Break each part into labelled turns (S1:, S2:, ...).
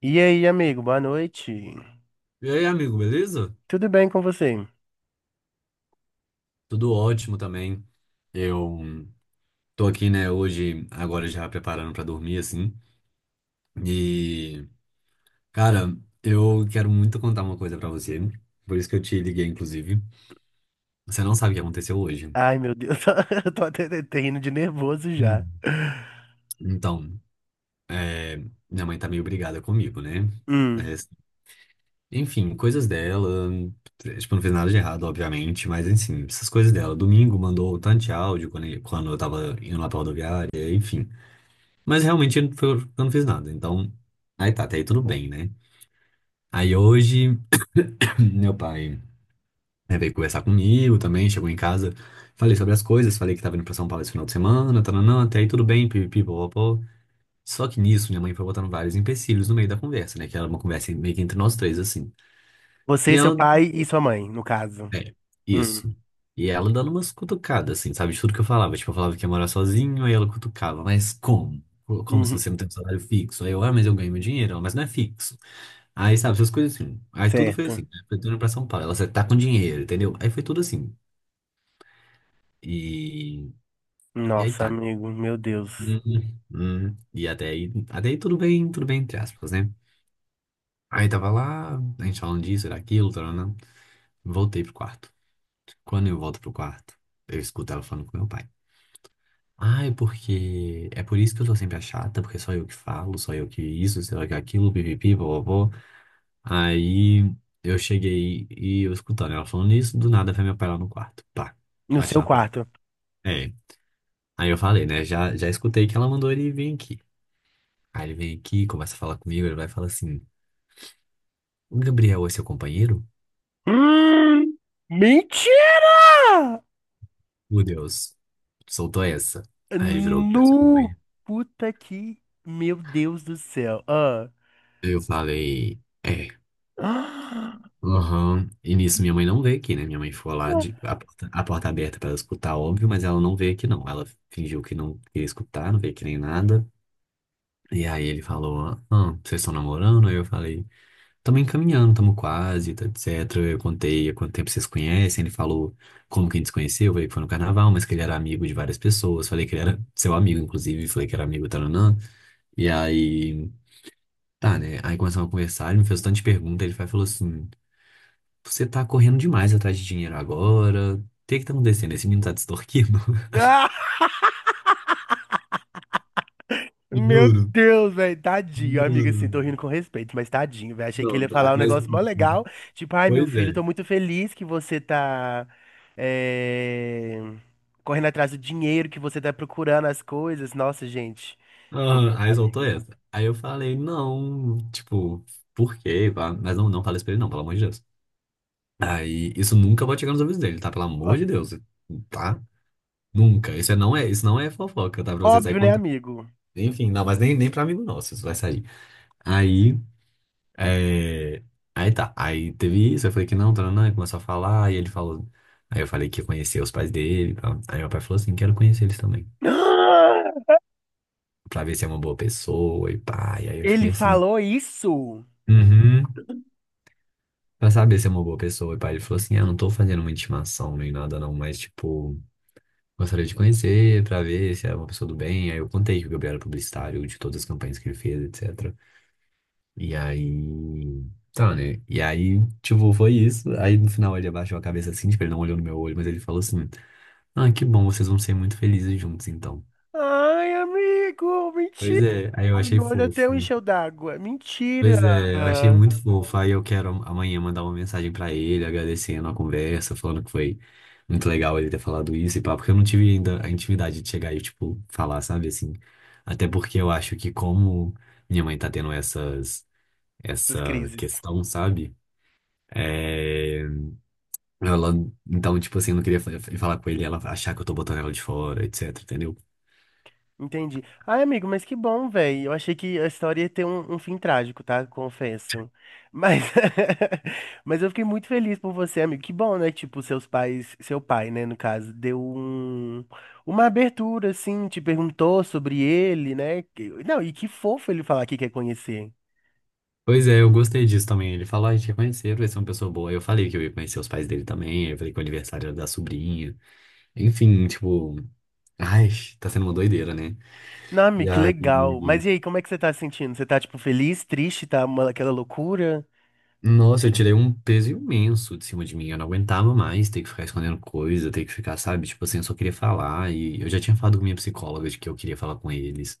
S1: E aí, amigo, boa noite.
S2: E aí, amigo, beleza?
S1: Tudo bem com você?
S2: Tudo ótimo também. Eu tô aqui, né, hoje, agora já preparando pra dormir, assim. E, cara, eu quero muito contar uma coisa pra você. Por isso que eu te liguei, inclusive. Você não sabe o que aconteceu hoje.
S1: Ai, meu Deus, eu tô até rindo de nervoso já.
S2: Hum. Então, minha mãe tá meio brigada comigo, né? É,
S1: Hum,
S2: enfim, coisas dela. Tipo, não fiz nada de errado, obviamente, mas, enfim, essas coisas dela. Domingo mandou tanto de áudio quando eu tava indo lá pra rodoviária, enfim. Mas realmente eu não fiz nada. Então, aí tá, até aí tudo bem, né? Aí hoje, meu pai né, veio conversar comigo também, chegou em casa, falei sobre as coisas, falei que tava indo pra São Paulo esse final de semana, tananã, até aí tudo bem, pipipi, popopó. Só que nisso, minha mãe foi botando vários empecilhos no meio da conversa, né? Que era uma conversa meio que entre nós três, assim.
S1: você,
S2: E
S1: seu
S2: ela,
S1: pai e sua mãe, no caso.
S2: é,
S1: Hum,
S2: isso. E ela dando umas cutucadas, assim, sabe? De tudo que eu falava. Tipo, eu falava que ia morar sozinho, aí ela cutucava. Mas como? Como se
S1: uhum,
S2: você não tem um salário fixo? Aí eu, ah, mas eu ganho meu dinheiro. Ela, mas não é fixo. Aí, sabe, essas coisas assim. Aí tudo foi
S1: certo.
S2: assim, né? Foi tudo indo pra São Paulo. Ela, você tá com dinheiro, entendeu? Aí foi tudo assim. E, e aí
S1: Nossa,
S2: tá.
S1: amigo, meu Deus.
S2: Hum, E até aí tudo bem, entre aspas, né? Aí tava lá, a gente falando disso, era aquilo, taranã. Voltei pro quarto. Quando eu volto pro quarto, eu escuto ela falando com meu pai. Ah, é porque. É por isso que eu sou sempre a chata, porque só eu que falo, só eu que isso, só eu que aquilo, pipipi, vovó. Aí eu cheguei e eu escutando ela falando isso, do nada vai meu pai lá no quarto. Pá,
S1: No
S2: bate
S1: seu
S2: na porta.
S1: quarto.
S2: É. Aí eu falei, né? Já, já escutei que ela mandou ele vir aqui. Aí ele vem aqui, começa a falar comigo, ele vai falar assim: O Gabriel é seu companheiro?
S1: Hum, mentira!
S2: Meu Deus, soltou essa. Aí ele virou "Gabriel é seu".
S1: No, puta que, meu Deus do céu. Ah.
S2: Eu falei, é. Aham. E nisso minha mãe não veio aqui, né? Minha mãe ficou lá, a porta aberta pra ela escutar, óbvio, mas ela não veio aqui, não. Ela fingiu que não queria escutar, não veio aqui nem nada. E aí ele falou, ah, vocês estão namorando? Aí eu falei, estamos encaminhando, estamos quase, tá, etc. Eu contei há quanto tempo vocês conhecem, ele falou como que a gente se conheceu, eu falei que foi no carnaval, mas que ele era amigo de várias pessoas, falei que ele era seu amigo, inclusive, falei que era amigo, taranã. E aí, tá, né? Aí começamos a conversar, ele me fez um tanto de pergunta, ele falou assim, você tá correndo demais atrás de dinheiro agora, o que que tá acontecendo? Esse menino tá te extorquindo?
S1: Ah! Meu
S2: Juro,
S1: Deus, velho, tadinho. Amiga, assim,
S2: juro.
S1: tô rindo com respeito, mas tadinho, velho. Achei que ele
S2: Não,
S1: ia
S2: tá,
S1: falar um
S2: mas...
S1: negócio mó legal. Tipo, ai, meu
S2: Pois
S1: filho,
S2: é.
S1: tô muito feliz que você tá eh, correndo atrás do dinheiro, que você tá procurando as coisas. Nossa, gente. Que
S2: Aham,
S1: horror,
S2: aí soltou
S1: amigo.
S2: essa. Aí eu falei, não, tipo, por quê? Pá? Mas não, não falei isso pra ele, não, pelo amor de Deus. Aí isso nunca vai chegar nos ouvidos dele, tá? Pelo
S1: Ó,
S2: amor de Deus, tá? Nunca. Isso não é fofoca, tá? Pra você sair
S1: óbvio, né,
S2: contando.
S1: amigo?
S2: Enfim, não, mas nem pra amigo nosso isso vai sair. Aí, é... aí tá. Aí teve isso, eu falei que não, tá, não, começou a falar, e ele falou. Aí eu falei que ia conhecer os pais dele, pá. Aí meu pai falou assim, quero conhecer eles também, pra ver se é uma boa pessoa e pá. E aí eu fiquei
S1: Ele
S2: assim.
S1: falou isso?
S2: Uhum. Pra saber se é uma boa pessoa. E pai, ele falou assim: Ah, não tô fazendo uma intimação nem nada, não, mas, tipo, gostaria de conhecer pra ver se é uma pessoa do bem. Aí eu contei que o Gabriel era publicitário de todas as campanhas que ele fez, etc. E aí. Tá, né? E aí, tipo, foi isso. Aí no final ele abaixou a cabeça assim, tipo, ele não olhou no meu olho, mas ele falou assim: Ah, que bom, vocês vão ser muito felizes juntos então.
S1: Ai, amigo,
S2: Pois
S1: mentira.
S2: é, aí eu
S1: Ai,
S2: achei
S1: meu olho até
S2: fofo.
S1: encheu d'água. Mentira.
S2: Pois é, eu achei muito fofo. Aí eu quero amanhã mandar uma mensagem pra ele, agradecendo a conversa, falando que foi muito legal ele ter falado isso e pá, porque eu não tive ainda a intimidade de chegar e, tipo, falar, sabe, assim. Até porque eu acho que como minha mãe tá tendo essas,
S1: Essas
S2: essa
S1: crises.
S2: questão, sabe? É, ela, então, tipo assim, eu não queria falar com ele, ela achar que eu tô botando ela de fora, etc, entendeu?
S1: Entendi. Ai, amigo, mas que bom, velho. Eu achei que a história ia ter um fim trágico, tá? Confesso. Mas, mas eu fiquei muito feliz por você, amigo. Que bom, né? Tipo, seus pais, seu pai, né, no caso, deu um, uma abertura, assim, te perguntou sobre ele, né? Que- não, e que fofo ele falar que quer conhecer.
S2: Pois é, eu gostei disso também. Ele falou, ah, a gente quer conhecer, vai ser uma pessoa boa. Aí eu falei que eu ia conhecer os pais dele também. Aí eu falei que o aniversário era da sobrinha. Enfim, tipo, ai, tá sendo uma doideira, né?
S1: Não,
S2: E
S1: amigo, que
S2: aí,
S1: legal. Mas e aí, como é que você tá se sentindo? Você tá, tipo, feliz, triste, tá uma, aquela loucura?
S2: nossa, eu tirei um peso imenso de cima de mim. Eu não aguentava mais ter que ficar escondendo coisa, ter que ficar, sabe? Tipo assim, eu só queria falar. E eu já tinha falado com minha psicóloga de que eu queria falar com eles.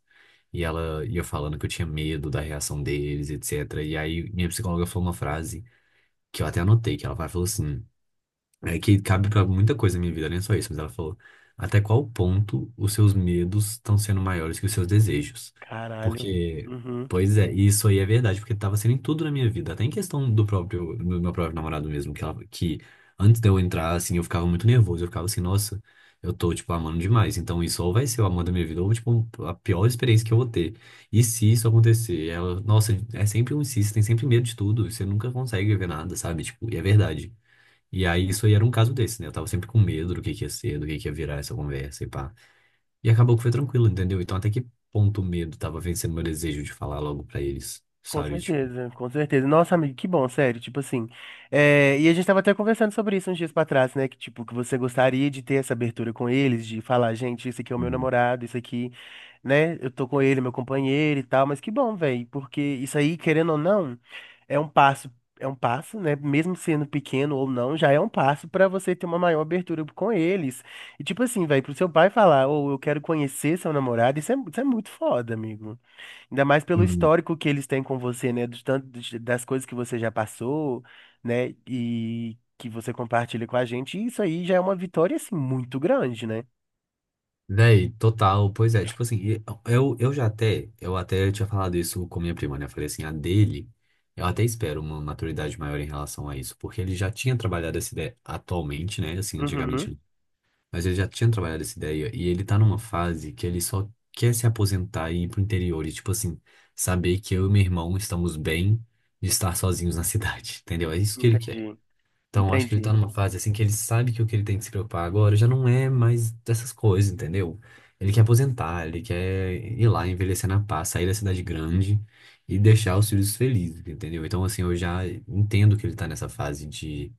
S2: E ela ia falando que eu tinha medo da reação deles, etc. E aí, minha psicóloga falou uma frase que eu até anotei, que ela falou assim. É que cabe pra muita coisa na minha vida, nem só isso, mas ela falou: até qual ponto os seus medos estão sendo maiores que os seus desejos?
S1: Caralho.
S2: Porque,
S1: Uhum.
S2: pois é, e isso aí é verdade, porque tava sendo em tudo na minha vida, até em questão do próprio, do meu próprio namorado mesmo, que, ela, que antes de eu entrar, assim, eu ficava muito nervoso, eu ficava assim, nossa, eu tô, tipo, amando demais, então isso ou vai ser o amor da minha vida, ou, tipo, a pior experiência que eu vou ter. E se isso acontecer? Ela, nossa, é sempre um se, você tem sempre medo de tudo, você nunca consegue ver nada, sabe? Tipo, e é verdade. E aí, isso aí era um caso desse, né? Eu tava sempre com medo do que ia ser, do que ia virar essa conversa e pá. E acabou que foi tranquilo, entendeu? Então, até que ponto o medo tava vencendo meu desejo de falar logo pra eles,
S1: Com
S2: sabe? Tipo,
S1: certeza, com certeza. Nossa, amigo, que bom, sério, tipo assim. É, e a gente tava até conversando sobre isso uns dias pra trás, né? Que, tipo, que você gostaria de ter essa abertura com eles, de falar, gente, esse aqui é o meu
S2: hum,
S1: namorado, isso aqui, né? Eu tô com ele, meu companheiro e tal, mas que bom, velho, porque isso aí, querendo ou não, é um passo, é um passo, né? Mesmo sendo pequeno ou não, já é um passo pra você ter uma maior abertura com eles. E, tipo assim, velho, pro seu pai falar, ou eu quero conhecer seu namorado, isso é muito foda, amigo. Ainda mais pelo
S2: hum.
S1: histórico que eles têm com você, né? Do tanto de- das coisas que você já passou, né? E que você compartilha com a gente. E isso aí já é uma vitória, assim, muito grande, né?
S2: Véi, total, pois é. Tipo assim, e eu até tinha falado isso com minha prima, né? Eu falei assim, a dele, eu até espero uma maturidade maior em relação a isso, porque ele já tinha trabalhado essa ideia atualmente, né? Assim,
S1: Uhum.
S2: antigamente. Mas ele já tinha trabalhado essa ideia e ele tá numa fase que ele só quer se aposentar e ir pro interior e, tipo assim, saber que eu e meu irmão estamos bem de estar sozinhos na cidade, entendeu? É isso que ele quer.
S1: Entendi.
S2: Então, eu acho que ele tá
S1: Entendi.
S2: numa fase assim que ele sabe que o que ele tem que se preocupar agora já não é mais dessas coisas, entendeu? Ele quer aposentar, ele quer ir lá, envelhecer na paz, sair da cidade grande e deixar os filhos felizes, entendeu? Então, assim, eu já entendo que ele tá nessa fase de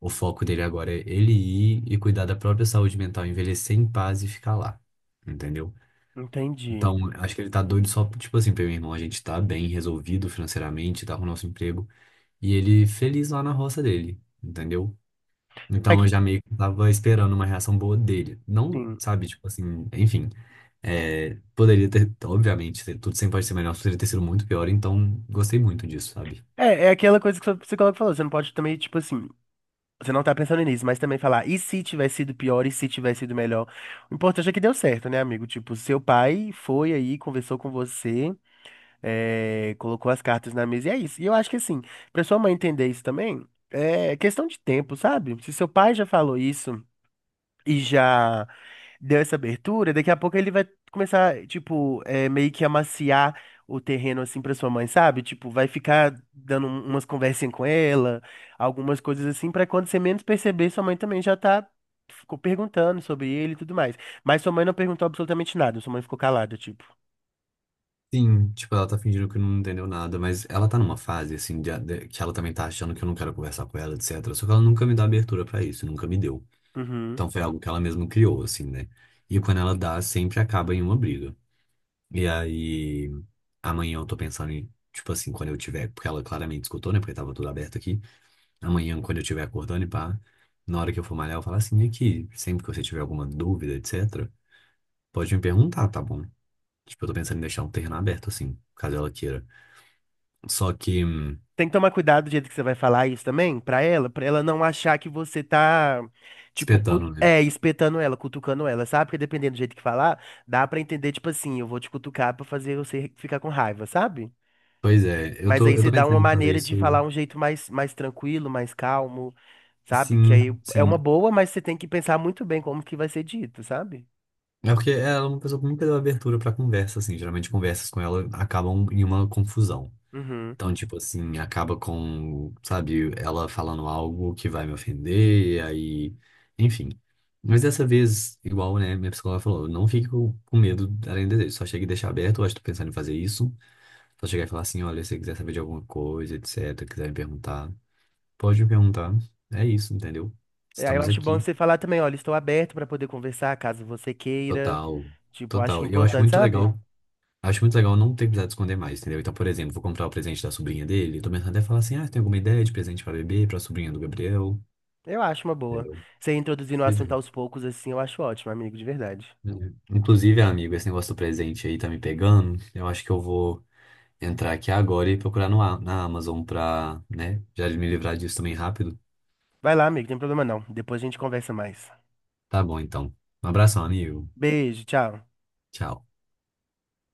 S2: o foco dele agora é ele ir e cuidar da própria saúde mental, envelhecer em paz e ficar lá. Entendeu?
S1: Entendi.
S2: Então, acho que ele tá doido só, tipo assim, pra meu irmão, a gente tá bem resolvido financeiramente, tá com o nosso emprego, e ele feliz lá na roça dele, entendeu?
S1: É
S2: Então, eu
S1: que,
S2: já meio que tava esperando uma reação boa dele. Não,
S1: sim.
S2: sabe, tipo assim, enfim, é, poderia ter, obviamente, tudo sempre pode ser melhor, poderia ter sido muito pior, então gostei muito disso, sabe?
S1: É, é aquela coisa que o seu psicólogo falou. Você não pode também, tipo assim. Você não tá pensando nisso, mas também falar, e se tivesse sido pior, e se tivesse sido melhor? O importante é que deu certo, né, amigo? Tipo, seu pai foi aí, conversou com você. É, colocou as cartas na mesa e é isso. E eu acho que assim, pra sua mãe entender isso também, é questão de tempo, sabe? Se seu pai já falou isso e já deu essa abertura, daqui a pouco ele vai começar, tipo, é, meio que amaciar o terreno assim pra sua mãe, sabe? Tipo, vai ficar dando um- umas conversinhas com ela, algumas coisas assim, pra quando você menos perceber, sua mãe também já tá ficou perguntando sobre ele e tudo mais. Mas sua mãe não perguntou absolutamente nada, sua mãe ficou calada, tipo.
S2: Sim, tipo, ela tá fingindo que não entendeu nada, mas ela tá numa fase, assim, que ela também tá achando que eu não quero conversar com ela, etc. Só que ela nunca me dá abertura pra isso, nunca me deu.
S1: Uhum.
S2: Então foi algo que ela mesma criou, assim, né? E quando ela dá, sempre acaba em uma briga. E aí, amanhã eu tô pensando em, tipo assim, quando eu tiver, porque ela claramente escutou, né? Porque tava tudo aberto aqui. Amanhã, quando eu tiver acordando e pá, na hora que eu for malhar, eu falo assim, aqui, sempre que você tiver alguma dúvida, etc., pode me perguntar, tá bom? Tipo, eu tô pensando em deixar um terreno aberto, assim, caso ela queira. Só que
S1: Tem que tomar cuidado do jeito que você vai falar isso também pra ela não achar que você tá, tipo, cu-
S2: espetando, né?
S1: é, espetando ela, cutucando ela, sabe? Porque dependendo do jeito que falar, dá pra entender, tipo assim, eu vou te cutucar pra fazer você ficar com raiva, sabe?
S2: Pois é, eu
S1: Mas
S2: tô,
S1: aí
S2: eu
S1: você
S2: tô
S1: dá uma
S2: pensando em fazer
S1: maneira de falar
S2: isso
S1: um jeito mais, mais tranquilo, mais calmo, sabe? Que
S2: assim,
S1: aí é uma
S2: sim.
S1: boa, mas você tem que pensar muito bem como que vai ser dito, sabe?
S2: É porque ela é uma pessoa que nunca deu abertura pra conversa, assim. Geralmente conversas com ela acabam em uma confusão.
S1: Uhum.
S2: Então, tipo assim, acaba com, sabe, ela falando algo que vai me ofender, e aí, enfim. Mas dessa vez, igual, né, minha psicóloga falou, não fique com medo além do desejo, só chega e deixa aberto, eu acho que tô pensando em fazer isso. Só chegar e falar assim, olha, se você quiser saber de alguma coisa, etc, quiser me perguntar. Pode me perguntar. É isso, entendeu?
S1: E aí eu
S2: Estamos
S1: acho bom
S2: aqui.
S1: você falar também, olha, estou aberto pra poder conversar caso você queira.
S2: Total.
S1: Tipo, acho que
S2: Total.
S1: é
S2: E eu acho
S1: importante,
S2: muito
S1: sabe?
S2: legal. Acho muito legal não ter precisado esconder mais, entendeu? Então, por exemplo, vou comprar o presente da sobrinha dele. Tô pensando até falar assim: ah, tem alguma ideia de presente pra bebê, pra sobrinha do Gabriel?
S1: Eu acho uma boa.
S2: Entendeu?
S1: Você introduzindo o
S2: Pois
S1: assunto
S2: é.
S1: aos poucos, assim, eu acho ótimo, amigo, de verdade.
S2: Uhum. Inclusive, amigo, esse negócio do presente aí tá me pegando. Eu acho que eu vou entrar aqui agora e procurar no, A- na Amazon pra, né, já me livrar disso também rápido.
S1: Vai lá, amigo, não tem problema não. Depois a gente conversa mais.
S2: Tá bom, então. Um abração, amigo.
S1: Beijo, tchau.
S2: Tchau.